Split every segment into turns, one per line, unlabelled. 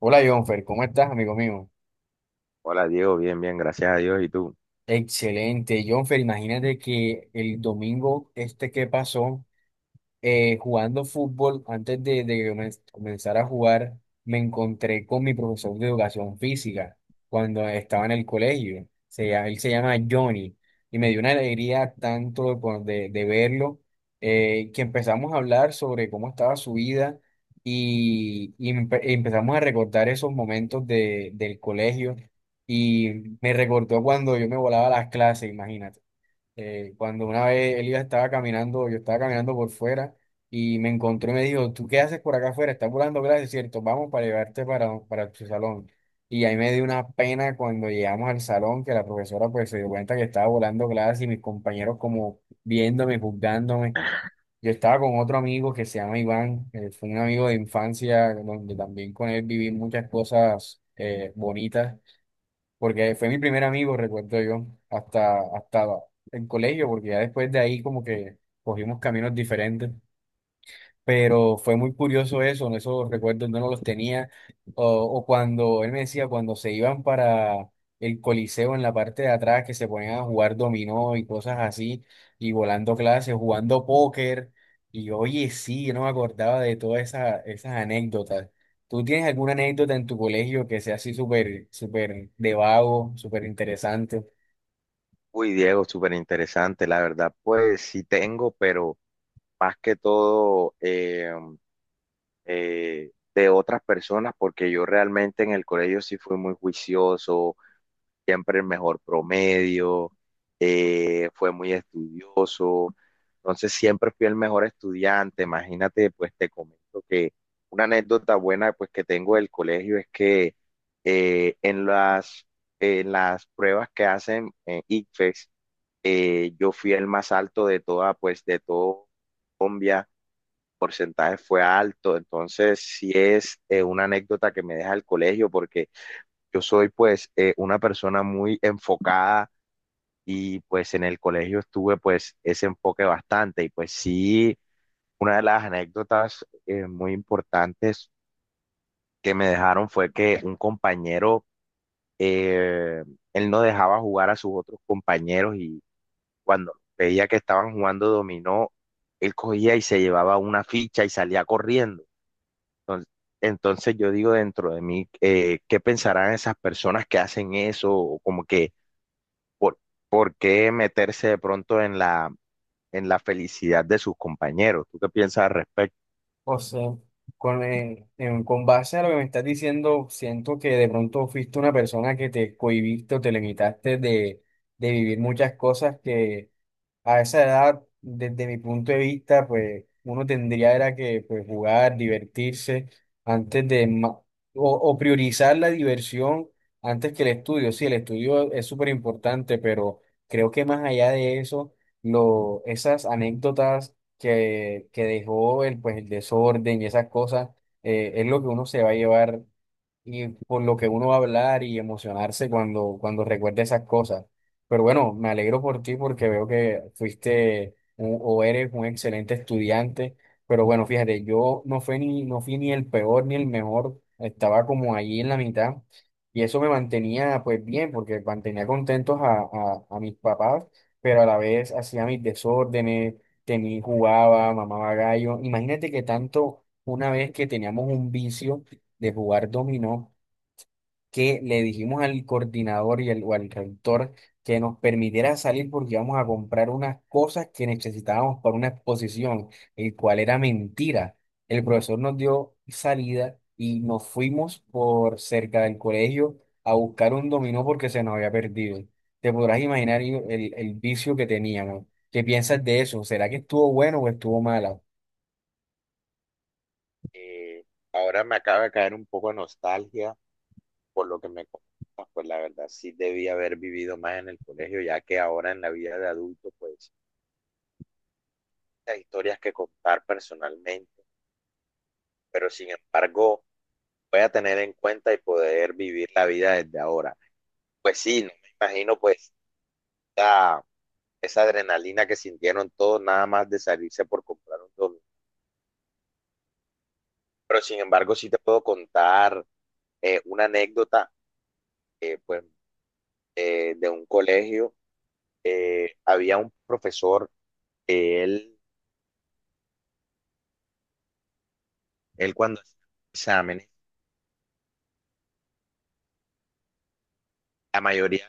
Hola Jonfer, ¿cómo estás, amigo mío?
Hola Diego, bien, bien, gracias a Dios. ¿Y tú?
Excelente, Jonfer, imagínate que el domingo este que pasó, jugando fútbol, antes de que comenzar a jugar, me encontré con mi profesor de educación física cuando estaba en el colegio. Él se llama Johnny y me dio una alegría tanto de verlo que empezamos a hablar sobre cómo estaba su vida y empezamos a recordar esos momentos del colegio y me recordó cuando yo me volaba a las clases, imagínate. Cuando una vez Elías estaba caminando, yo estaba caminando por fuera y me encontró y me dijo, ¿tú qué haces por acá afuera? Estás volando clases, ¿cierto? Vamos para llevarte para tu salón. Y ahí me dio una pena cuando llegamos al salón, que la profesora pues se dio cuenta que estaba volando clases y mis compañeros como viéndome, juzgándome. Yo estaba con otro amigo que se llama Iván, fue un amigo de infancia, donde también con él viví muchas cosas bonitas porque fue mi primer amigo, recuerdo yo, hasta el colegio, porque ya después de ahí como que cogimos caminos diferentes, pero fue muy curioso eso, esos recuerdos no los tenía, o cuando él me decía, cuando se iban para el Coliseo en la parte de atrás, que se ponían a jugar dominó y cosas así, y volando clases, jugando póker, y oye, sí, yo no me acordaba de todas esas anécdotas. ¿Tú tienes alguna anécdota en tu colegio que sea así súper, súper de vago, súper interesante?
Uy, Diego, súper interesante, la verdad. Pues sí tengo, pero más que todo de otras personas, porque yo realmente en el colegio sí fui muy juicioso, siempre el mejor promedio, fue muy estudioso, entonces siempre fui el mejor estudiante, imagínate. Pues te comento que una anécdota buena pues que tengo del colegio es que eh, en las, en las pruebas que hacen en ICFES, yo fui el más alto de toda, pues de todo Colombia. El porcentaje fue alto, entonces sí es una anécdota que me deja el colegio porque yo soy pues una persona muy enfocada, y pues en el colegio estuve pues ese enfoque bastante. Y pues sí, una de las anécdotas muy importantes que me dejaron fue que un compañero, eh, él no dejaba jugar a sus otros compañeros, y cuando veía que estaban jugando dominó, él cogía y se llevaba una ficha y salía corriendo. Entonces, entonces, yo digo dentro de mí, ¿qué pensarán esas personas que hacen eso? O como que, ¿por, ¿por qué meterse de pronto en la felicidad de sus compañeros? ¿Tú qué piensas al respecto?
O sea, con base a lo que me estás diciendo, siento que de pronto fuiste una persona que te cohibiste o te limitaste de vivir muchas cosas que a esa edad, desde mi punto de vista, pues uno tendría era que pues, jugar, divertirse, antes de ma- o priorizar la diversión antes que el estudio. Sí, el estudio es súper importante, pero creo que más allá de eso, esas anécdotas que dejó pues, el desorden y esas cosas, es lo que uno se va a llevar y por lo que uno va a hablar y emocionarse cuando recuerde esas cosas. Pero bueno, me alegro por ti porque veo que fuiste un- o eres un excelente estudiante. Pero bueno, fíjate, yo no fui ni el peor ni el mejor. Estaba como allí en la mitad. Y eso me mantenía pues bien porque mantenía contentos a mis papás, pero a la vez hacía mis desórdenes, tenía, jugaba, mamaba gallo. Imagínate que tanto una vez que teníamos un vicio de jugar dominó que le dijimos al coordinador y al rector que nos permitiera salir porque íbamos a comprar unas cosas que necesitábamos para una exposición, el cual era mentira. El profesor nos dio salida y nos fuimos por cerca del colegio a buscar un dominó porque se nos había perdido. Te podrás imaginar el vicio que teníamos. ¿Qué piensas de eso? ¿Será que estuvo bueno o estuvo malo?
Eh, Ahora me acaba de caer un poco de nostalgia por lo que me comentas. Pues la verdad sí debí haber vivido más en el colegio, ya que ahora en la vida de adulto, pues hay historias que contar personalmente, pero sin embargo voy a tener en cuenta y poder vivir la vida desde ahora. Pues sí, no me imagino pues esa, esa adrenalina que sintieron todos nada más de salirse por comprar un domingo. Pero sin embargo sí te puedo contar una anécdota, eh, pues, de un colegio. Había un profesor, eh, él, él cuando hacía exámenes, la mayoría,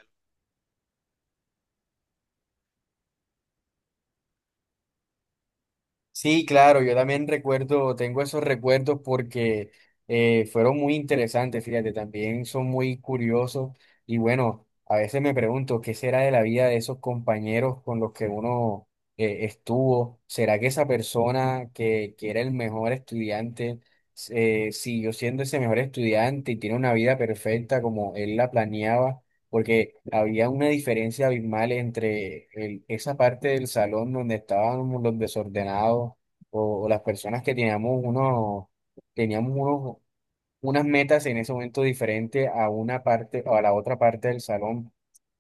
Sí, claro, yo también recuerdo, tengo esos recuerdos porque fueron muy interesantes, fíjate, también son muy curiosos y bueno, a veces me pregunto qué será de la vida de esos compañeros con los que uno estuvo, será que esa persona que era el mejor estudiante siguió siendo ese mejor estudiante y tiene una vida perfecta como él la planeaba, porque había una diferencia abismal entre esa parte del salón donde estábamos los desordenados o las personas que teníamos unos unas metas en ese momento diferente a una parte o a la otra parte del salón,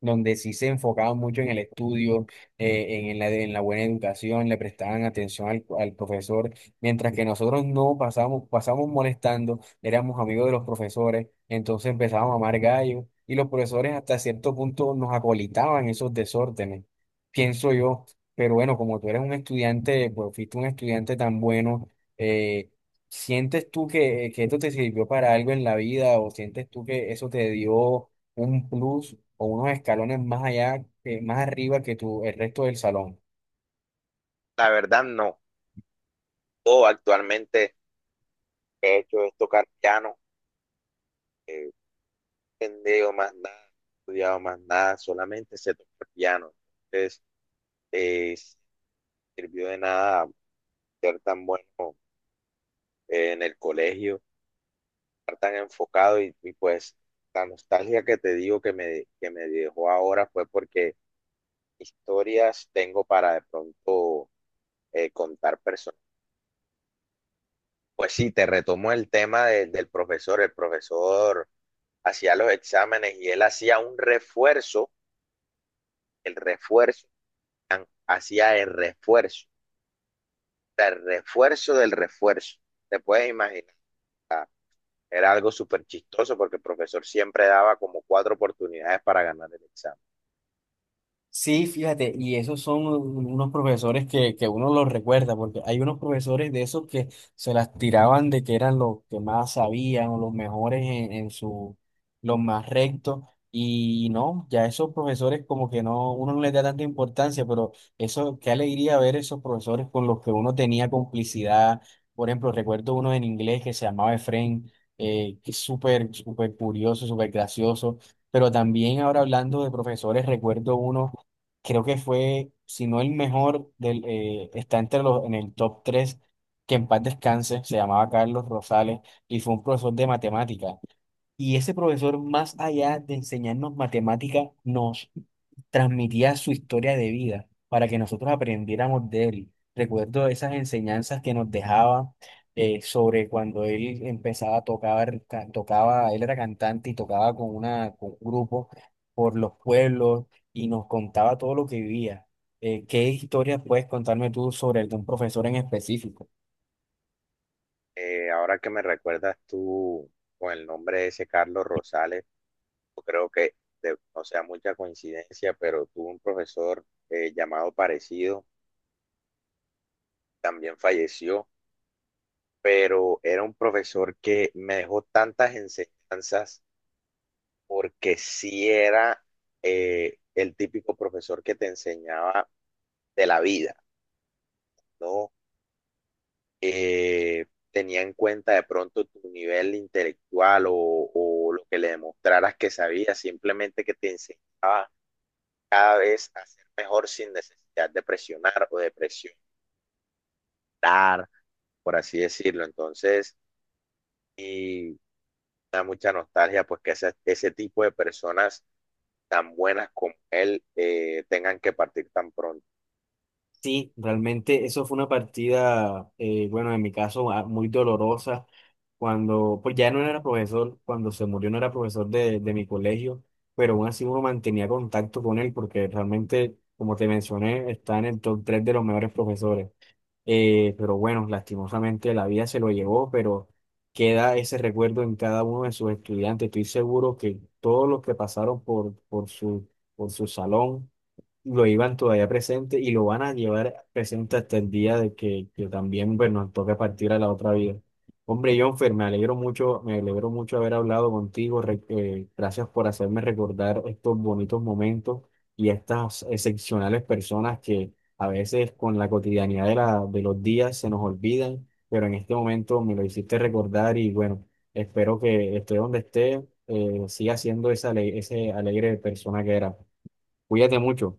donde sí se enfocaban mucho en el estudio, en la buena educación, le prestaban atención al profesor, mientras que nosotros no pasábamos, pasábamos molestando, éramos amigos de los profesores, entonces empezábamos a amar gallo y los profesores hasta cierto punto nos acolitaban esos desórdenes, pienso yo. Pero bueno, como tú eres un estudiante, pues fuiste un estudiante tan bueno, eh, ¿sientes tú que esto te sirvió para algo en la vida, o sientes tú que eso te dio un plus o unos escalones más allá, más arriba que el resto del salón?
la verdad no, todo actualmente he hecho es tocar piano. No he entendido más nada, no he estudiado más nada, solamente sé tocar piano. Entonces sí sirvió de nada ser tan bueno en el colegio, estar tan enfocado. Y pues la nostalgia que te digo que que me dejó ahora fue porque historias tengo para de pronto contar personas. Pues sí, te retomo el tema del profesor. El profesor hacía los exámenes y él hacía un refuerzo, el refuerzo, hacía el refuerzo, o sea, el refuerzo del refuerzo. Te puedes imaginar, era algo súper chistoso porque el profesor siempre daba como cuatro oportunidades para ganar el examen.
Sí, fíjate, y esos son unos profesores que uno los recuerda, porque hay unos profesores de esos que se las tiraban de que eran los que más sabían o los mejores los más rectos, y no, ya esos profesores como que no, uno no les da tanta importancia, pero eso, qué alegría ver esos profesores con los que uno tenía complicidad. Por ejemplo, recuerdo uno en inglés que se llamaba Efraín, que es súper, súper curioso, súper gracioso, pero también ahora hablando de profesores, recuerdo uno, creo que fue, si no el mejor, está entre en el top tres, que en paz descanse, se llamaba Carlos Rosales y fue un profesor de matemática. Y ese profesor, más allá de enseñarnos matemática, nos transmitía su historia de vida para que nosotros aprendiéramos de él. Recuerdo esas enseñanzas que nos dejaba sobre cuando él empezaba a tocar, tocaba, él era cantante y tocaba con un grupo por los pueblos y nos contaba todo lo que vivía. ¿Qué historias puedes contarme tú sobre algún profesor en específico?
Ahora que me recuerdas tú con el nombre de ese Carlos Rosales, yo creo que, o sea, mucha coincidencia, pero tuve un profesor llamado parecido, también falleció, pero era un profesor que me dejó tantas enseñanzas porque sí era el típico profesor que te enseñaba de la vida, ¿no? Tenía en cuenta de pronto tu nivel intelectual o lo que le demostraras que sabías, simplemente que te enseñaba cada vez a ser mejor sin necesidad de presionar o de presionar, por así decirlo. Entonces, y da mucha nostalgia pues que ese tipo de personas tan buenas como él tengan que partir tan pronto.
Sí, realmente eso fue una partida, bueno, en mi caso ah, muy dolorosa, cuando, pues ya no era profesor, cuando se murió no era profesor de mi colegio, pero aún así uno mantenía contacto con él porque realmente, como te mencioné, está en el top 3 de los mejores profesores. Pero bueno, lastimosamente la vida se lo llevó, pero queda ese recuerdo en cada uno de sus estudiantes. Estoy seguro que todos los que pasaron por su salón lo iban todavía presente y lo van a llevar presente hasta el día de que también pues, nos toque partir a la otra vida. Hombre, Jonfer, me alegro mucho haber hablado contigo. Gracias por hacerme recordar estos bonitos momentos y estas excepcionales personas que a veces con la cotidianidad de los días se nos olvidan, pero en este momento me lo hiciste recordar y bueno, espero que esté donde esté, siga siendo ese alegre persona que era. Cuídate mucho.